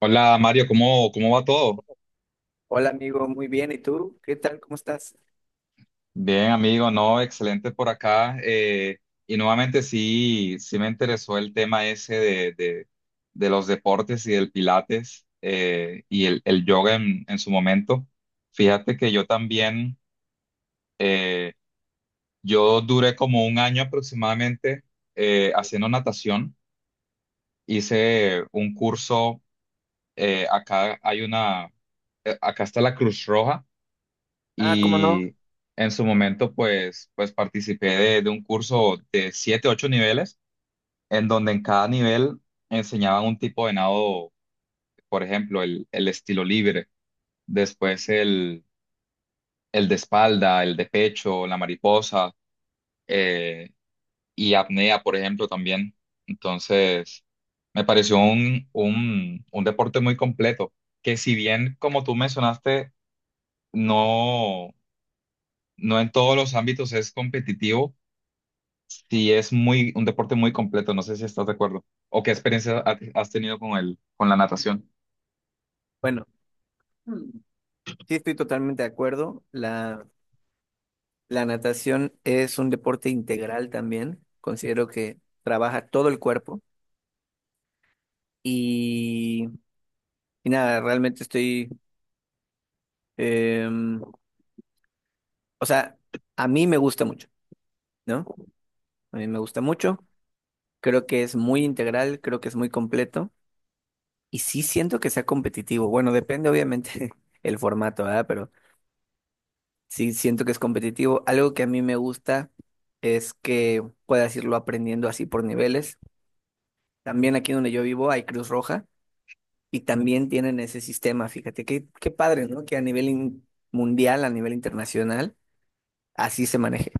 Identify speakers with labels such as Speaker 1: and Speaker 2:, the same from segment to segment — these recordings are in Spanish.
Speaker 1: Hola Mario, ¿cómo va todo?
Speaker 2: Hola amigo, muy bien. ¿Y tú? ¿Qué tal? ¿Cómo estás?
Speaker 1: Bien, amigo, no, excelente por acá. Y nuevamente sí, sí me interesó el tema ese de los deportes y del pilates, y el yoga en su momento. Fíjate que yo también, eh, yo duré como un año aproximadamente haciendo natación. Hice un curso, acá hay una, acá está la Cruz Roja
Speaker 2: Ah, ¿cómo no?
Speaker 1: y en su momento pues participé de un curso de siete, ocho niveles, en donde en cada nivel enseñaban un tipo de nado, por ejemplo, el estilo libre, después el de espalda, el de pecho, la mariposa, eh, y apnea, por ejemplo, también. Entonces, me pareció un deporte muy completo, que si bien, como tú mencionaste, no, no en todos los ámbitos es competitivo. Sí, es muy, un deporte muy completo, no sé si estás de acuerdo. ¿O qué experiencia has tenido con el, con la natación?
Speaker 2: Bueno, mm, sí estoy totalmente de acuerdo. La natación es un deporte integral también. Considero que trabaja todo el cuerpo y, y nada, realmente estoy, em, o sea, a mí me gusta mucho, ¿no? A mí me gusta mucho. Creo que es muy integral, creo que es muy completo y sí siento que sea competitivo. Bueno, depende obviamente el formato, ¿verdad? Pero sí, siento que es competitivo. Algo que a mí me gusta es que puedas irlo aprendiendo así por niveles. También aquí donde yo vivo hay Cruz Roja y también tienen ese sistema. Fíjate, qué padre, ¿no? Que a nivel mundial, a nivel internacional, así se maneje.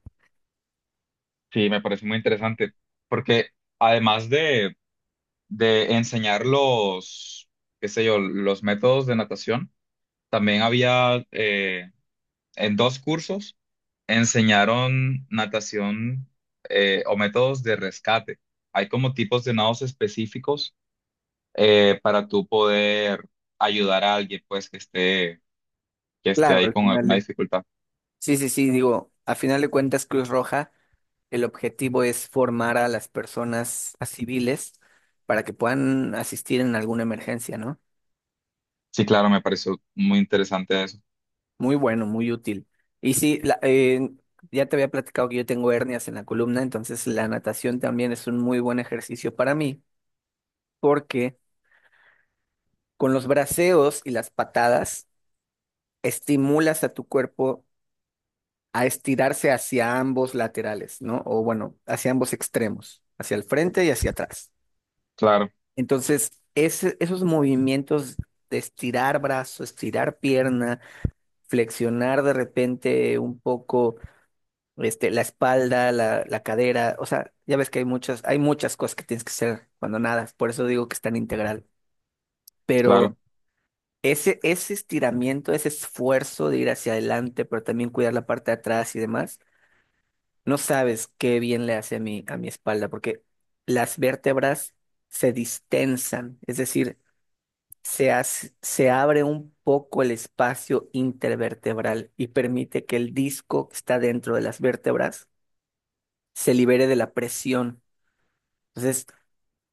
Speaker 1: Sí, me parece muy interesante, porque además de enseñar los, qué sé yo, los métodos de natación, también había, en dos cursos enseñaron natación, o métodos de rescate. Hay como tipos de nados específicos, para tú poder ayudar a alguien pues que esté
Speaker 2: Claro,
Speaker 1: ahí
Speaker 2: al
Speaker 1: con
Speaker 2: final
Speaker 1: alguna
Speaker 2: de...
Speaker 1: dificultad.
Speaker 2: Sí, digo, al final de cuentas Cruz Roja, el objetivo es formar a las personas, a civiles, para que puedan asistir en alguna emergencia, ¿no?
Speaker 1: Sí, claro, me pareció muy interesante eso.
Speaker 2: Muy bueno, muy útil. Y sí, ya te había platicado que yo tengo hernias en la columna, entonces la natación también es un muy buen ejercicio para mí, porque con los braceos y las patadas estimulas a tu cuerpo a estirarse hacia ambos laterales, ¿no? O bueno, hacia ambos extremos, hacia el frente y hacia atrás.
Speaker 1: Claro,
Speaker 2: Entonces, esos movimientos de estirar brazo, estirar pierna, flexionar de repente un poco este, la espalda, la cadera, o sea, ya ves que hay muchas cosas que tienes que hacer cuando nadas, por eso digo que es tan integral,
Speaker 1: claro,
Speaker 2: pero ese estiramiento, ese esfuerzo de ir hacia adelante, pero también cuidar la parte de atrás y demás, no sabes qué bien le hace a mi espalda, porque las vértebras se distensan, es decir, se abre un poco el espacio intervertebral y permite que el disco que está dentro de las vértebras se libere de la presión. Entonces,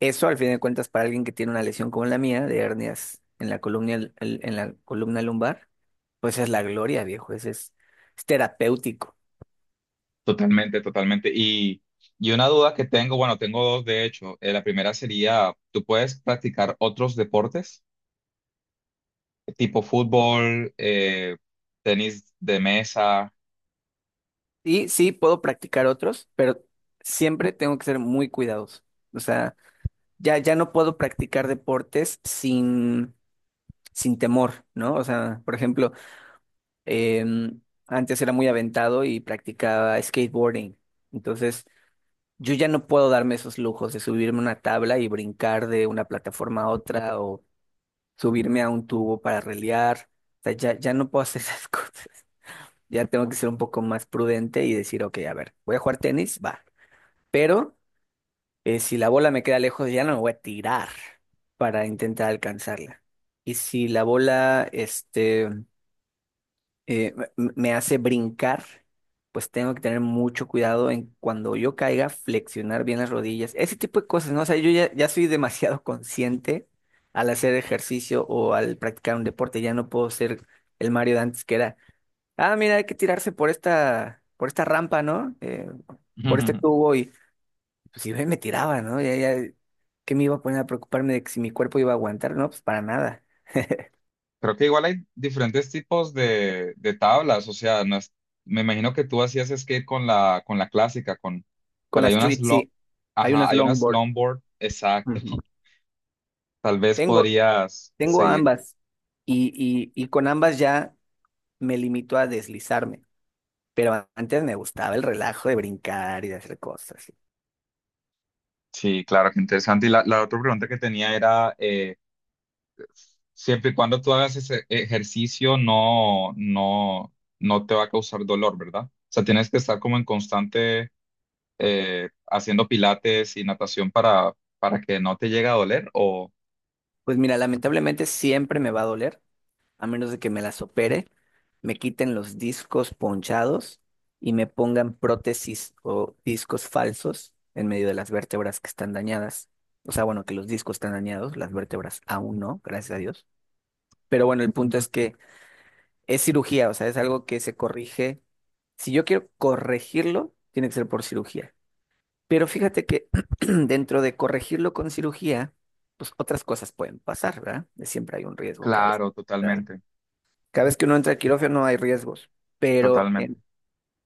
Speaker 2: eso al fin de cuentas para alguien que tiene una lesión como la mía, de hernias en la columna, en la columna lumbar, pues es la gloria, viejo, ese es terapéutico.
Speaker 1: totalmente, totalmente. Y una duda que tengo, bueno, tengo dos de hecho. La primera sería, ¿tú puedes practicar otros deportes? Tipo fútbol, tenis de mesa.
Speaker 2: Y sí, puedo practicar otros, pero siempre tengo que ser muy cuidadoso. O sea, ya no puedo practicar deportes sin temor, ¿no? O sea, por ejemplo, em, antes era muy aventado y practicaba skateboarding. Entonces, yo ya no puedo darme esos lujos de subirme a una tabla y brincar de una plataforma a otra o subirme a un tubo para relear. O sea, ya no puedo hacer esas cosas. Ya tengo que ser un poco más prudente y decir, ok, a ver, voy a jugar tenis, va. Pero si la bola me queda lejos, ya no me voy a tirar para intentar alcanzarla. Y si la bola, me hace brincar, pues tengo que tener mucho cuidado en cuando yo caiga, flexionar bien las rodillas, ese tipo de cosas, ¿no? O sea, yo ya soy demasiado consciente al hacer ejercicio o al practicar un deporte, ya no puedo ser el Mario de antes que era, ah, mira, hay que tirarse por esta rampa, ¿no? Por este tubo y pues si me tiraba, ¿no? Ya, ¿Qué me iba a poner a preocuparme de que si mi cuerpo iba a aguantar? No, pues para nada.
Speaker 1: Creo que igual hay diferentes tipos de tablas, o sea, no es- me imagino que tú hacías skate con la clásica, con,
Speaker 2: Con
Speaker 1: pero
Speaker 2: la
Speaker 1: hay unas,
Speaker 2: street,
Speaker 1: lo,
Speaker 2: sí, hay
Speaker 1: ajá,
Speaker 2: unas
Speaker 1: hay unas
Speaker 2: longboard.
Speaker 1: longboard, exacto.
Speaker 2: Ujú.
Speaker 1: Tal vez
Speaker 2: Tengo,
Speaker 1: podrías
Speaker 2: Tengo
Speaker 1: seguir.
Speaker 2: ambas y con ambas ya me limito a deslizarme, pero antes me gustaba el relajo de brincar y de hacer cosas.
Speaker 1: Sí, claro, qué interesante. Y la otra pregunta que tenía era, siempre y cuando tú hagas ese ejercicio, no, no, no te va a causar dolor, ¿verdad? O sea, tienes que estar como en constante, haciendo pilates y natación para que no te llegue a doler, o...
Speaker 2: Pues mira, lamentablemente siempre me va a doler, a menos de que me las opere, me quiten los discos ponchados y me pongan prótesis o discos falsos en medio de las vértebras que están dañadas. O sea, bueno, que los discos están dañados, las vértebras aún no, gracias a Dios. Pero bueno, el punto es que es cirugía, o sea, es algo que se corrige. Si yo quiero corregirlo, tiene que ser por cirugía. Pero fíjate que dentro de corregirlo con cirugía, pues otras cosas pueden pasar, ¿verdad? Siempre hay un riesgo cada vez.
Speaker 1: Claro,
Speaker 2: ¿Verdad?
Speaker 1: totalmente,
Speaker 2: Cada vez que uno entra al quirófano hay riesgos, pero
Speaker 1: totalmente.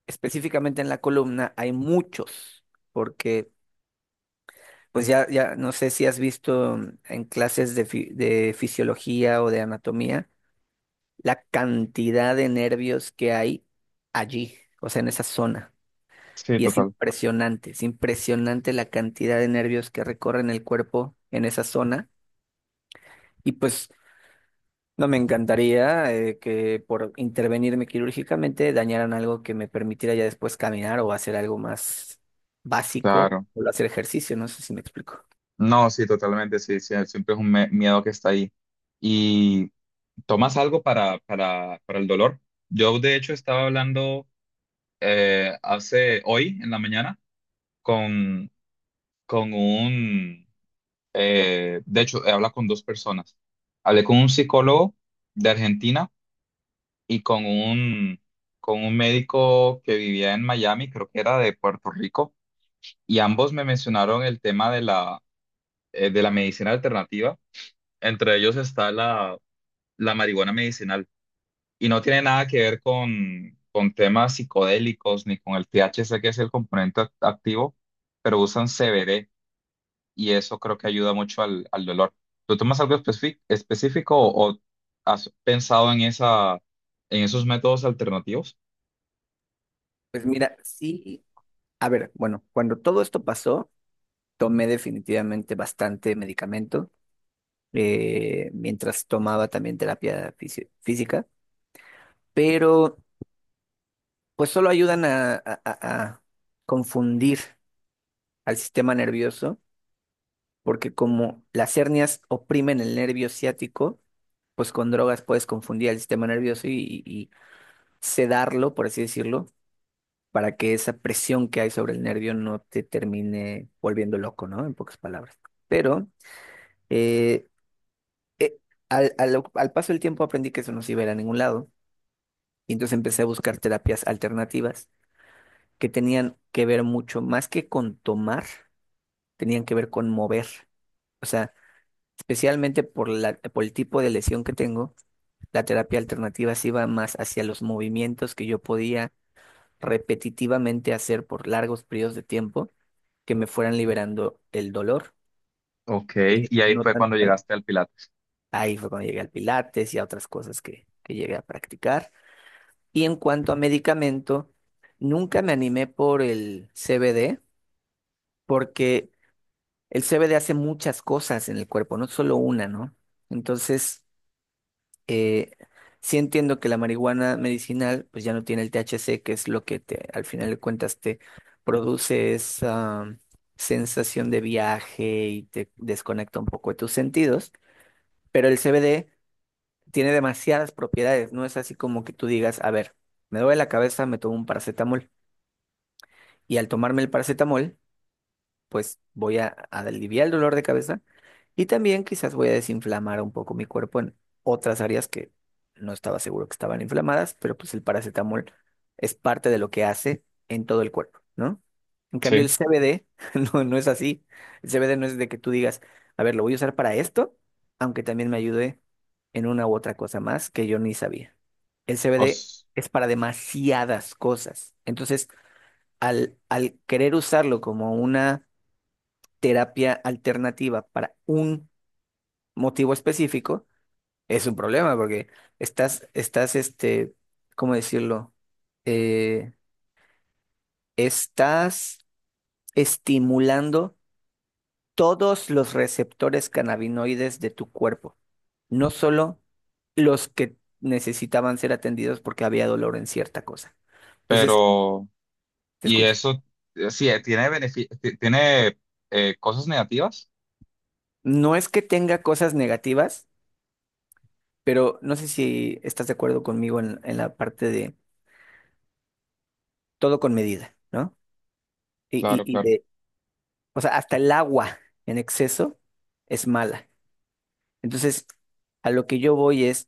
Speaker 2: específicamente en la columna hay muchos, porque pues ya no sé si has visto, mm, en clases de, de fisiología o de anatomía la cantidad de nervios que hay allí, o sea, en esa zona.
Speaker 1: Sí,
Speaker 2: Y
Speaker 1: total,
Speaker 2: es impresionante la cantidad de nervios que recorren el cuerpo en esa zona. Y pues no me encantaría, que por intervenirme quirúrgicamente dañaran algo que me permitiera ya después caminar o hacer algo más básico
Speaker 1: claro.
Speaker 2: o hacer ejercicio, no sé si me explico.
Speaker 1: No, sí, totalmente, sí, sí, siempre es un miedo que está ahí. ¿Y tomas algo para el dolor? Yo, de hecho, estaba hablando, hace hoy en la mañana con, con un, de hecho, he hablado con dos personas. Hablé con un psicólogo de Argentina y con un médico que vivía en Miami, creo que era de Puerto Rico, y ambos me mencionaron el tema de la medicina alternativa. Entre ellos está la, la marihuana medicinal. Y no tiene nada que ver con temas psicodélicos ni con el THC, que es el componente activo, pero usan CBD y eso creo que ayuda mucho al, al dolor. ¿Tú tomas algo específico o has pensado en esa, en esos métodos alternativos?
Speaker 2: Pues mira, sí, a ver, bueno, cuando todo esto pasó, tomé definitivamente bastante medicamento, mientras tomaba también terapia física, pero pues solo ayudan a, a confundir al sistema nervioso, porque como las hernias oprimen el nervio ciático, pues con drogas puedes confundir al sistema nervioso y sedarlo, por así decirlo, para que esa presión que hay sobre el nervio no te termine volviendo loco, ¿no? En pocas palabras. Pero eh, eh, al paso del tiempo aprendí que eso no se iba a ir a ningún lado. Y entonces empecé a buscar terapias alternativas que tenían que ver mucho más que con tomar, tenían que ver con mover. O sea, especialmente por por el tipo de lesión que tengo, la terapia alternativa se iba más hacia los movimientos que yo podía repetitivamente hacer por largos periodos de tiempo que me fueran liberando el dolor.
Speaker 1: Ok, y ahí
Speaker 2: No
Speaker 1: fue cuando
Speaker 2: tanto.
Speaker 1: llegaste al Pilates.
Speaker 2: Ahí fue cuando llegué al Pilates y a otras cosas que llegué a practicar. Y en cuanto a medicamento, nunca me animé por el CBD porque el CBD hace muchas cosas en el cuerpo, no solo una, ¿no? Entonces, eh, sí entiendo que la marihuana medicinal pues ya no tiene el THC, que es lo que te, al final de cuentas, te produce esa, mm, sensación de viaje y te desconecta un poco de tus sentidos, pero el CBD tiene demasiadas propiedades, no es así como que tú digas, a ver, me duele la cabeza, me tomo un paracetamol y al tomarme el paracetamol pues voy a aliviar el dolor de cabeza y también quizás voy a desinflamar un poco mi cuerpo en otras áreas que no estaba seguro que estaban inflamadas, pero pues el paracetamol es parte de lo que hace en todo el cuerpo, ¿no? En cambio, el
Speaker 1: Sí,
Speaker 2: CBD no, no es así. El CBD no es de que tú digas, a ver, lo voy a usar para esto, aunque también me ayude en una u otra cosa más que yo ni sabía. El CBD
Speaker 1: os-
Speaker 2: es para demasiadas cosas. Entonces, al querer usarlo como una terapia alternativa para un motivo específico, es un problema porque estás, estás, este, ¿cómo decirlo? Eh, Estás estimulando todos los receptores cannabinoides de tu cuerpo, no solo los que necesitaban ser atendidos porque había dolor en cierta cosa. Entonces,
Speaker 1: pero,
Speaker 2: te
Speaker 1: y
Speaker 2: escucho.
Speaker 1: eso, sí, tiene tiene, cosas negativas.
Speaker 2: No es que tenga cosas negativas, pero no sé si estás de acuerdo conmigo en la parte de todo con medida, ¿no? Y, y,
Speaker 1: Claro,
Speaker 2: y
Speaker 1: claro.
Speaker 2: de, o sea, hasta el agua en exceso es mala. Entonces, a lo que yo voy es,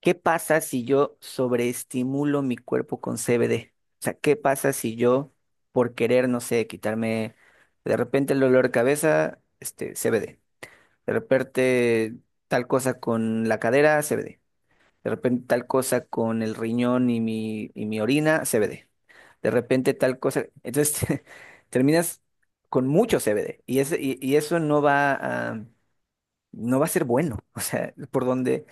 Speaker 2: ¿qué pasa si yo sobreestimulo mi cuerpo con CBD? O sea, ¿qué pasa si yo, por querer, no sé, quitarme de repente el dolor de cabeza, este, CBD? De repente tal cosa con la cadera, CBD. De repente tal cosa con el riñón y mi orina, CBD. De repente tal cosa. Entonces terminas con mucho CBD y, eso no va a, no va a ser bueno. O sea,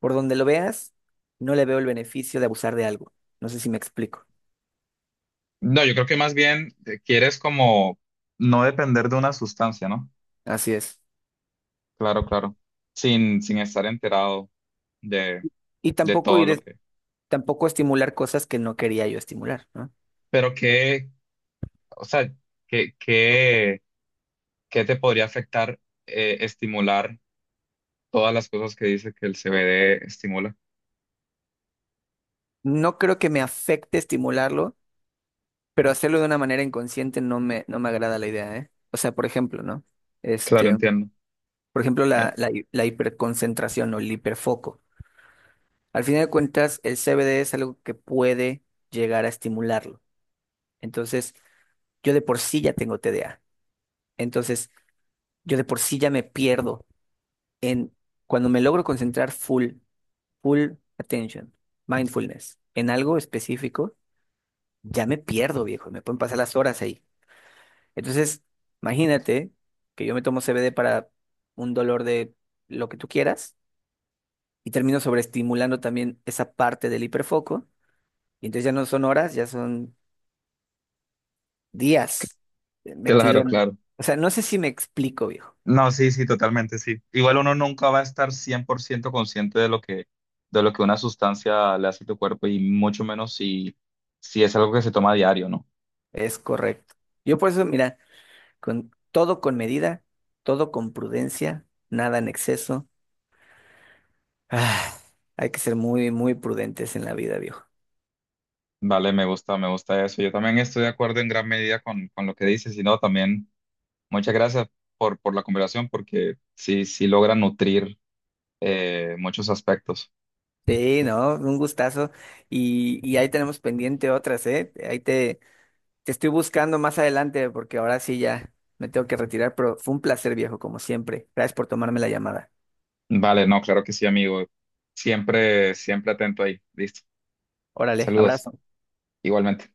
Speaker 2: por donde lo veas, no le veo el beneficio de abusar de algo. No sé si me explico.
Speaker 1: No, yo creo que más bien, quieres como no depender de una sustancia, ¿no?
Speaker 2: Así es.
Speaker 1: Claro, claro. Sin, sin estar enterado de,
Speaker 2: Y
Speaker 1: de
Speaker 2: tampoco
Speaker 1: todo lo
Speaker 2: ir,
Speaker 1: que...
Speaker 2: tampoco estimular cosas que no quería yo estimular, ¿no?
Speaker 1: Pero qué, o sea, qué, qué, qué te podría afectar, estimular todas las cosas que dice que el CBD estimula.
Speaker 2: No creo que me afecte estimularlo, pero hacerlo de una manera inconsciente no me, no me agrada la idea, ¿eh? O sea, por ejemplo, ¿no?
Speaker 1: Claro,
Speaker 2: Este,
Speaker 1: entiendo.
Speaker 2: por ejemplo,
Speaker 1: Eh,
Speaker 2: la hiperconcentración o el hiperfoco. Al final de cuentas, el CBD es algo que puede llegar a estimularlo. Entonces, yo de por sí ya tengo TDA. Entonces, yo de por sí ya me pierdo en cuando me logro concentrar full, full attention, mindfulness, en algo específico, ya me pierdo, viejo. Me pueden pasar las horas ahí. Entonces, imagínate que yo me tomo CBD para un dolor de lo que tú quieras y termino sobreestimulando también esa parte del hiperfoco. Y entonces ya no son horas, ya son días, metido
Speaker 1: claro,
Speaker 2: en...
Speaker 1: claro.
Speaker 2: O sea, no sé si me explico, viejo.
Speaker 1: No, sí, sí, totalmente, sí. Igual uno nunca va a estar 100% consciente de lo que una sustancia le hace a tu cuerpo y mucho menos si, si es algo que se toma a diario, ¿no?
Speaker 2: Es correcto. Yo por eso, mira, con todo con medida, todo con prudencia, nada en exceso. Ah, hay que ser muy prudentes en la vida, viejo.
Speaker 1: Vale, me gusta eso. Yo también estoy de acuerdo en gran medida con lo que dices y no, también muchas gracias por la conversación porque sí, sí logra nutrir, muchos aspectos.
Speaker 2: Sí, no, un gustazo. Y ahí tenemos pendiente otras, ¿eh? Ahí te... Te estoy buscando más adelante porque ahora sí ya me tengo que retirar, pero fue un placer, viejo, como siempre. Gracias por tomarme la llamada.
Speaker 1: Vale, no, claro que sí, amigo. Siempre, siempre atento ahí. Listo.
Speaker 2: Órale,
Speaker 1: Saludos,
Speaker 2: abrazo.
Speaker 1: igualmente.